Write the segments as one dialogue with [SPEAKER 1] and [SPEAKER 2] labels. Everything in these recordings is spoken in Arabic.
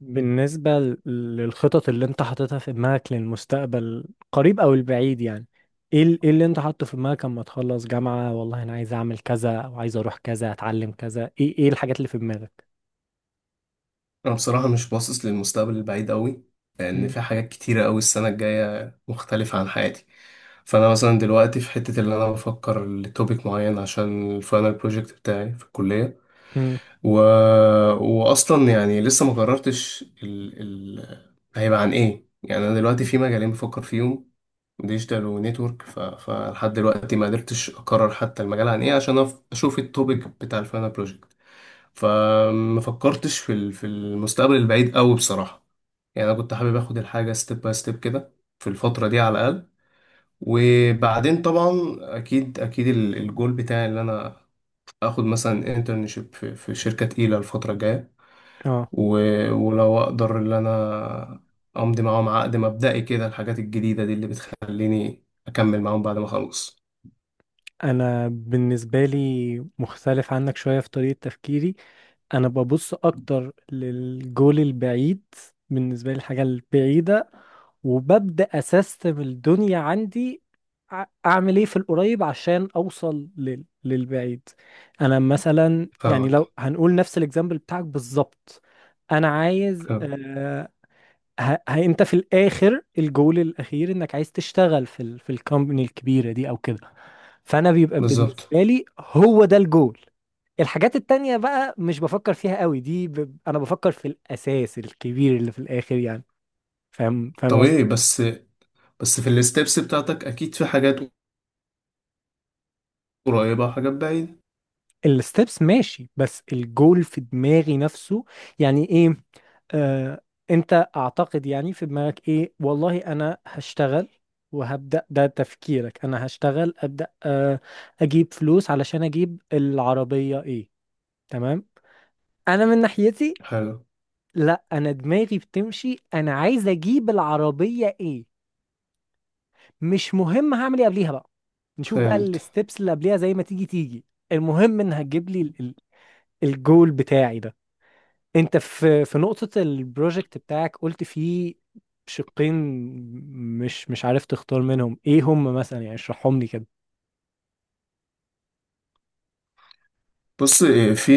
[SPEAKER 1] بالنسبة للخطط اللي انت حاططها في دماغك للمستقبل قريب او البعيد يعني، ايه ايه اللي انت حاطه في دماغك اما تخلص جامعة. والله انا عايز اعمل كذا او عايز اروح كذا اتعلم كذا. ايه ايه الحاجات اللي في دماغك؟
[SPEAKER 2] أنا بصراحة مش باصص للمستقبل البعيد أوي، لأن
[SPEAKER 1] امم
[SPEAKER 2] في حاجات كتيرة أوي. السنة الجاية مختلفة عن حياتي. فأنا مثلا دلوقتي في حتة اللي أنا بفكر لتوبيك معين عشان الفاينل بروجكت بتاعي في الكلية.
[SPEAKER 1] امم
[SPEAKER 2] و... وأصلا يعني لسه ما قررتش هيبقى عن إيه. يعني أنا دلوقتي في مجالين بفكر فيهم، ديجيتال ونتورك. فلحد دلوقتي ما قدرتش أقرر حتى المجال عن إيه عشان أشوف التوبيك بتاع الفاينل بروجكت. فما فكرتش في المستقبل البعيد قوي بصراحة. يعني انا كنت حابب اخد الحاجة ستيب باي ستيب كده في الفترة دي على الاقل. وبعدين طبعا، اكيد اكيد الجول بتاعي ان انا اخد مثلا انترنشيب في شركة تقيلة الفترة الجاية.
[SPEAKER 1] اه
[SPEAKER 2] ولو اقدر ان انا امضي معاهم عقد مبدئي كده، الحاجات الجديدة دي اللي بتخليني اكمل معاهم بعد ما اخلص.
[SPEAKER 1] انا بالنسبه لي مختلف عنك شويه في طريقه تفكيري. انا ببص اكتر للجول البعيد. بالنسبه لي الحاجه البعيده، وببدا اسيستم الدنيا عندي. اعمل ايه في القريب عشان اوصل للبعيد. انا مثلا يعني
[SPEAKER 2] فاهمك.
[SPEAKER 1] لو هنقول نفس الاكزامبل بتاعك بالظبط. انا عايز
[SPEAKER 2] حلو.
[SPEAKER 1] ه... انت في الاخر، الجول الاخير انك عايز تشتغل في في الكومباني الكبيره دي او كده. فانا بيبقى
[SPEAKER 2] بالظبط.
[SPEAKER 1] بالنسبه لي هو ده الجول. الحاجات التانية بقى مش بفكر فيها قوي، دي انا بفكر في الاساس الكبير اللي في الاخر يعني. فاهم
[SPEAKER 2] طب ايه
[SPEAKER 1] قصدي.
[SPEAKER 2] بس؟ بس في الستبس بتاعتك اكيد في حاجات قريبة وحاجات بعيدة.
[SPEAKER 1] الستبس ماشي، بس الجول في دماغي نفسه. يعني ايه؟ آه، انت اعتقد يعني في دماغك ايه، والله انا هشتغل وهبدأ، ده تفكيرك. انا هشتغل ابدأ آه، اجيب فلوس علشان اجيب العربية، ايه، تمام. انا من ناحيتي
[SPEAKER 2] حلو.
[SPEAKER 1] لا، انا دماغي بتمشي، انا عايز اجيب العربية، ايه مش مهم هعمل ايه قبليها بقى. نشوف بقى
[SPEAKER 2] فهمت.
[SPEAKER 1] الستبس اللي قبليها زي ما تيجي تيجي. المهم ان هتجيب لي الجول بتاعي ده. انت في في نقطة البروجكت بتاعك قلت فيه شقين مش عارف تختار منهم ايه هم، مثلا يعني اشرحهم لي كده.
[SPEAKER 2] بص إيه، في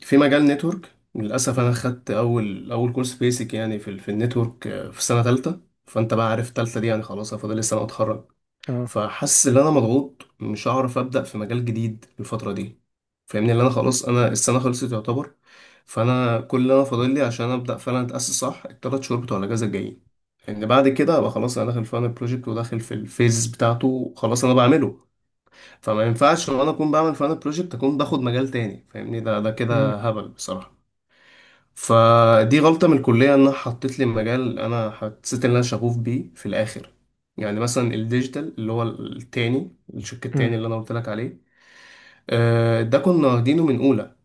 [SPEAKER 2] في مجال نتورك للأسف أنا
[SPEAKER 1] مم.
[SPEAKER 2] خدت أول أول كورس بيسك يعني في النتورك آه، في سنة تالتة. فأنت بقى عارف تالتة دي يعني خلاص أنا فاضل لي سنة وأتخرج.
[SPEAKER 1] اه
[SPEAKER 2] فحاسس إن أنا مضغوط مش هعرف أبدأ في مجال جديد الفترة دي. فاهمني، اللي أنا خلاص أنا السنة خلصت يعتبر. فأنا كل اللي أنا فاضل لي عشان أبدأ فعلا أتأسس صح التلات شهور بتوع الأجازة الجايين. لأن بعد كده أبقى خلاص، أنا داخل في البروجكت وداخل في الفيز بتاعته، خلاص أنا بعمله. فما ينفعش وانا اكون بعمل فانا بروجكت اكون باخد مجال تاني. فاهمني، ده
[SPEAKER 1] امم
[SPEAKER 2] كده هبل بصراحه. فدي غلطه من الكليه انها حطت لي مجال انا حسيت ان انا شغوف بيه في الاخر. يعني مثلا الديجيتال اللي هو التاني، الشق
[SPEAKER 1] امم
[SPEAKER 2] التاني اللي انا قلت لك عليه، آه، ده كنا واخدينه من اولى.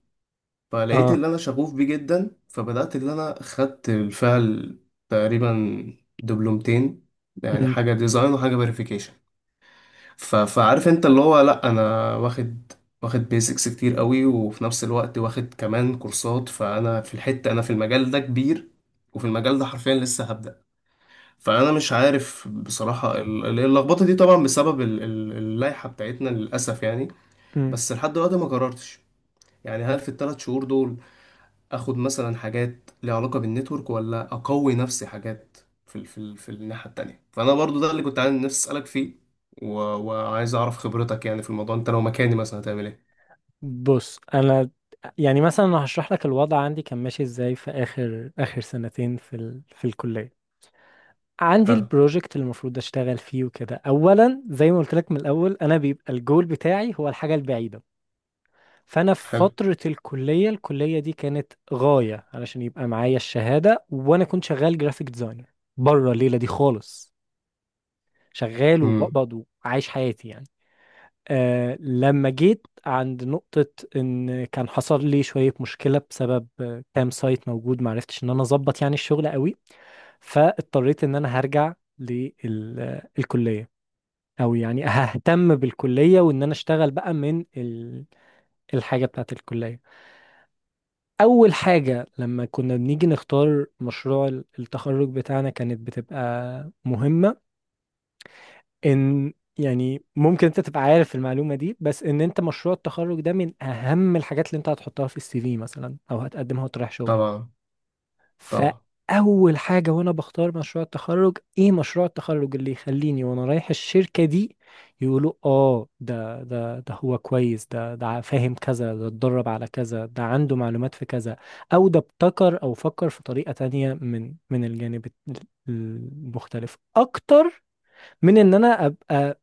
[SPEAKER 2] فلقيت
[SPEAKER 1] اه
[SPEAKER 2] اللي انا شغوف بيه جدا، فبدات اللي انا خدت بالفعل تقريبا دبلومتين، يعني حاجه ديزاين وحاجه فيريفيكيشن. فعارف انت اللي هو لا انا واخد بيزكس كتير قوي، وفي نفس الوقت واخد كمان كورسات. فانا في الحتة انا في المجال ده كبير، وفي المجال ده حرفيا لسه هبدأ. فانا مش عارف بصراحة اللخبطة دي طبعا بسبب اللائحة بتاعتنا للأسف يعني.
[SPEAKER 1] امم
[SPEAKER 2] بس لحد دلوقتي ما قررتش، يعني هل في الثلاث شهور دول اخد مثلا حاجات ليها علاقه بالنتورك، ولا اقوي نفسي حاجات في الناحيه التانية. فانا برضو ده اللي كنت عايز نفسي اسالك فيه. وعايز اعرف خبرتك يعني في الموضوع، انت لو مكاني مثلا هتعمل ايه؟
[SPEAKER 1] بص انا، يعني مثلا انا هشرح لك الوضع عندي كان ماشي ازاي في اخر سنتين في في الكليه. عندي
[SPEAKER 2] حلو.
[SPEAKER 1] البروجكت اللي المفروض اشتغل فيه وكده، اولا زي ما قلت لك من الاول، انا بيبقى الجول بتاعي هو الحاجه البعيده. فانا في
[SPEAKER 2] حلو.
[SPEAKER 1] فتره الكليه، دي كانت غايه علشان يبقى معايا الشهاده، وانا كنت شغال جرافيك ديزاينر بره الليله دي خالص. شغال
[SPEAKER 2] امم.
[SPEAKER 1] وبقبض وعايش حياتي يعني. آه لما جيت عند نقطة، إن كان حصل لي شوية مشكلة بسبب كام سايت موجود معرفتش إن أنا أظبط يعني الشغل قوي، فاضطريت إن أنا هرجع للكلية، أو يعني ههتم بالكلية وإن أنا أشتغل بقى من الحاجة بتاعة الكلية. أول حاجة لما كنا بنيجي نختار مشروع التخرج بتاعنا كانت بتبقى مهمة، ان يعني ممكن انت تبقى عارف المعلومة دي، بس ان انت مشروع التخرج ده من اهم الحاجات اللي انت هتحطها في السي في مثلا او هتقدمها وتروح شغل.
[SPEAKER 2] طبعا. طبعا.
[SPEAKER 1] فاول حاجة وانا بختار مشروع التخرج، ايه مشروع التخرج اللي يخليني وانا رايح الشركة دي يقولوا اه ده ده ده هو كويس، ده ده فاهم كذا، ده اتدرب على كذا، ده عنده معلومات في كذا، او ده ابتكر او فكر في طريقة تانية من الجانب المختلف اكتر. من ان انا ابقى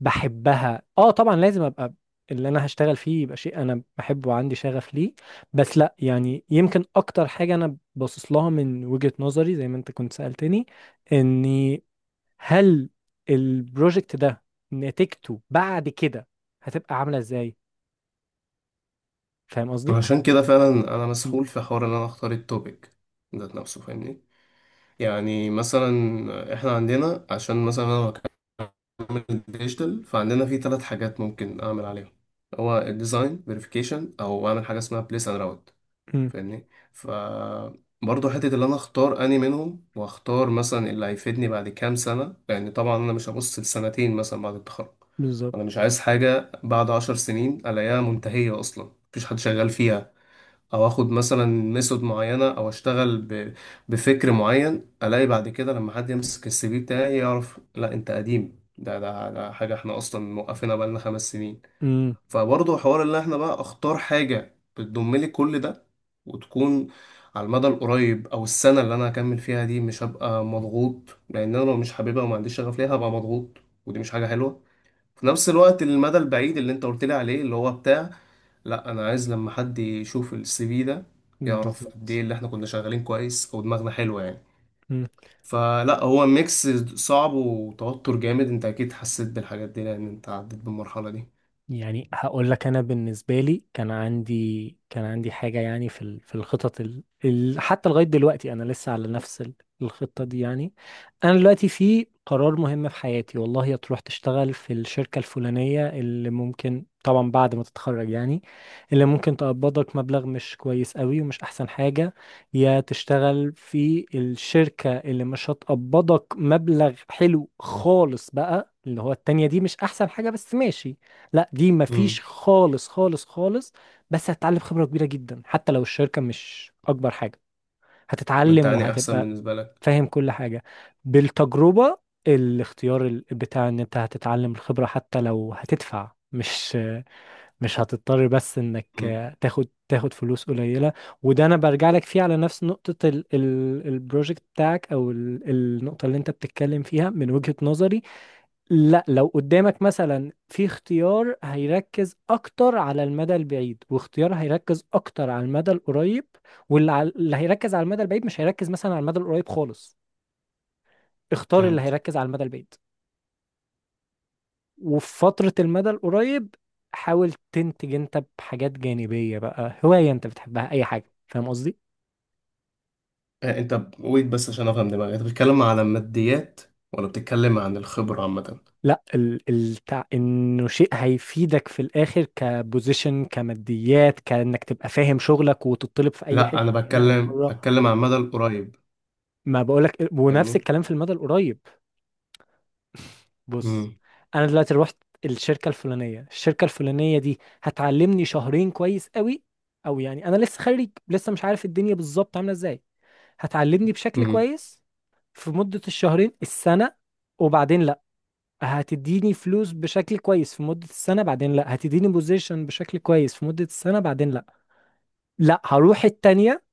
[SPEAKER 1] بحبها، اه طبعا لازم ابقى اللي انا هشتغل فيه يبقى شيء انا بحبه وعندي شغف ليه، بس لا يعني يمكن اكتر حاجة انا باصص لها من وجهة نظري زي ما انت كنت سألتني، اني هل البروجكت ده نتيجته بعد كده هتبقى عاملة ازاي. فاهم قصدي؟
[SPEAKER 2] عشان كده فعلا، انا
[SPEAKER 1] م-
[SPEAKER 2] مسحول في حوار ان انا اختار التوبيك ذات نفسه، فاهمني. يعني مثلا احنا عندنا، عشان مثلا انا هكمل الديجيتال فعندنا في ثلاث حاجات ممكن اعمل عليهم، هو الديزاين فيريفيكيشن او اعمل حاجه اسمها بليس اند راوت.
[SPEAKER 1] م،
[SPEAKER 2] فاهمني. برضه حتة اللي أنا أختار أني منهم، وأختار مثلا اللي هيفيدني بعد كام سنة. لأن طبعا أنا مش هبص لسنتين مثلا بعد التخرج. أنا
[SPEAKER 1] بالظبط.
[SPEAKER 2] مش عايز حاجة بعد 10 سنين ألاقيها منتهية أصلا مفيش حد شغال فيها. أو آخد مثلا ميثود معينة أو أشتغل بفكر معين، ألاقي بعد كده لما حد يمسك السي في بتاعي يعرف لا أنت قديم، ده حاجة إحنا أصلا موقفينها بقالنا 5 سنين.
[SPEAKER 1] م،
[SPEAKER 2] فبرضه حوار ان احنا بقى اختار حاجة بتضم لي كل ده، وتكون على المدى القريب. او السنة اللي انا هكمل فيها دي مش هبقى مضغوط، لان انا لو مش حاببها وما عنديش شغف ليها هبقى مضغوط، ودي مش حاجة حلوة. في نفس الوقت المدى البعيد اللي انت قلت لي عليه اللي هو بتاع، لا انا عايز لما حد يشوف السي في ده يعرف قد ايه
[SPEAKER 1] بالظبط.
[SPEAKER 2] اللي احنا كنا شغالين كويس او دماغنا حلوة يعني. فلا هو ميكس. صعب وتوتر جامد، انت اكيد حسيت بالحاجات دي لان انت عديت بالمرحلة
[SPEAKER 1] يعني هقول لك، انا بالنسبه لي كان عندي، كان عندي حاجه يعني في في الخطط حتى لغايه دلوقتي انا لسه على نفس الخطه دي يعني. انا دلوقتي في قرار مهم في حياتي، والله يا تروح تشتغل في الشركه الفلانيه اللي ممكن طبعا بعد ما تتخرج يعني، اللي ممكن تقبضك مبلغ مش كويس قوي ومش احسن حاجه، يا تشتغل في الشركه اللي مش هتقبضك مبلغ حلو خالص بقى، اللي هو التانية دي مش احسن حاجه بس ماشي. لا دي
[SPEAKER 2] دي.
[SPEAKER 1] مفيش خالص خالص خالص، بس هتتعلم خبرة كبيرة جدا حتى لو الشركة مش أكبر حاجة.
[SPEAKER 2] انت
[SPEAKER 1] هتتعلم
[SPEAKER 2] يعني احسن
[SPEAKER 1] وهتبقى
[SPEAKER 2] بالنسبه لك.
[SPEAKER 1] فاهم كل حاجة بالتجربة. الاختيار بتاع ان انت هتتعلم الخبرة حتى لو هتدفع، مش هتضطر بس انك
[SPEAKER 2] مم.
[SPEAKER 1] تاخد فلوس قليلة. وده انا برجع لك فيه على نفس نقطة ال ال البروجكت بتاعك او النقطة اللي انت بتتكلم فيها. من وجهة نظري لا، لو قدامك مثلا في اختيار هيركز اكتر على المدى البعيد واختيار هيركز اكتر على المدى القريب، اللي هيركز على المدى البعيد مش هيركز مثلا على المدى القريب خالص، اختار اللي
[SPEAKER 2] فهمت.
[SPEAKER 1] هيركز على المدى البعيد. وفي فترة المدى القريب حاول تنتج انت بحاجات جانبية بقى، هواية انت بتحبها، اي حاجة. فاهم قصدي؟
[SPEAKER 2] آه، انت ويت بس عشان افهم دماغي، انت بتتكلم على الماديات ولا بتتكلم عن الخبره عامه؟
[SPEAKER 1] لا ال ال انه شيء هيفيدك في الاخر، كبوزيشن، كماديات، كانك تبقى فاهم شغلك وتطلب في اي
[SPEAKER 2] لا
[SPEAKER 1] حتة
[SPEAKER 2] انا
[SPEAKER 1] هنا او بره.
[SPEAKER 2] بتكلم عن المدى القريب،
[SPEAKER 1] ما بقولك، ونفس
[SPEAKER 2] فاهمني.
[SPEAKER 1] الكلام في المدى القريب. بص
[SPEAKER 2] امم.
[SPEAKER 1] انا دلوقتي رحت الشركه الفلانيه، دي هتعلمني شهرين كويس قوي، او يعني انا لسه خريج لسه مش عارف الدنيا بالظبط عامله ازاي، هتعلمني بشكل
[SPEAKER 2] امم.
[SPEAKER 1] كويس في مده الشهرين السنه. وبعدين لا، هتديني فلوس بشكل كويس في مده السنه، بعدين لا هتديني بوزيشن بشكل كويس في مده السنه، بعدين لا، لا هروح التانيه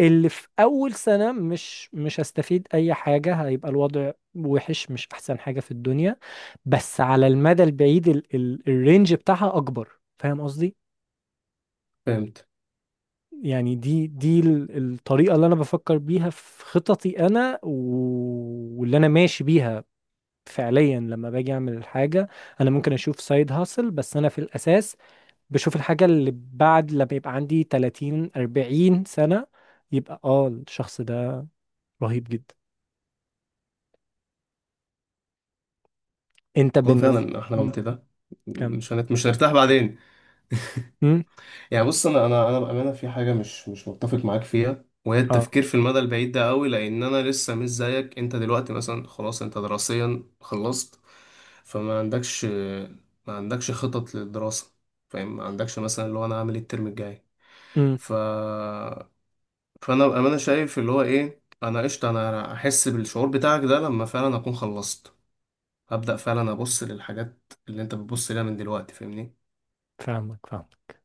[SPEAKER 1] اللي في اول سنه مش هستفيد اي حاجه، هيبقى الوضع وحش، مش احسن حاجه في الدنيا، بس على المدى البعيد ال ال الرينج بتاعها اكبر. فاهم قصدي؟
[SPEAKER 2] فهمت.
[SPEAKER 1] يعني دي دي الطريقه اللي انا بفكر بيها في خططي انا، واللي انا ماشي بيها. فعليا لما باجي اعمل الحاجه انا ممكن اشوف سايد هاسل، بس انا في الاساس بشوف الحاجه اللي بعد، لما يبقى عندي 30 40 سنه يبقى اه الشخص ده رهيب جدا. انت
[SPEAKER 2] هو
[SPEAKER 1] بالنسبة،
[SPEAKER 2] فعلا احنا لو قلت ده،
[SPEAKER 1] كمل.
[SPEAKER 2] مش هنرتاح بعدين.
[SPEAKER 1] مم.
[SPEAKER 2] يعني بص، انا بامانه في حاجه مش متفق معاك فيها، وهي
[SPEAKER 1] اه
[SPEAKER 2] التفكير في المدى البعيد ده قوي. لان انا لسه مش زيك، انت دلوقتي مثلا خلاص انت دراسيا خلصت. فما عندكش ما عندكش خطط للدراسه، فاهم، ما عندكش مثلا اللي هو انا هعمل إيه الترم الجاي.
[SPEAKER 1] مم.
[SPEAKER 2] ف فانا بامانه شايف اللي هو ايه انا قشطه، انا احس بالشعور بتاعك ده لما فعلا اكون خلصت، هبدا فعلا ابص للحاجات اللي انت بتبص لها من دلوقتي، فاهمني.
[SPEAKER 1] فاهمك فاهمك.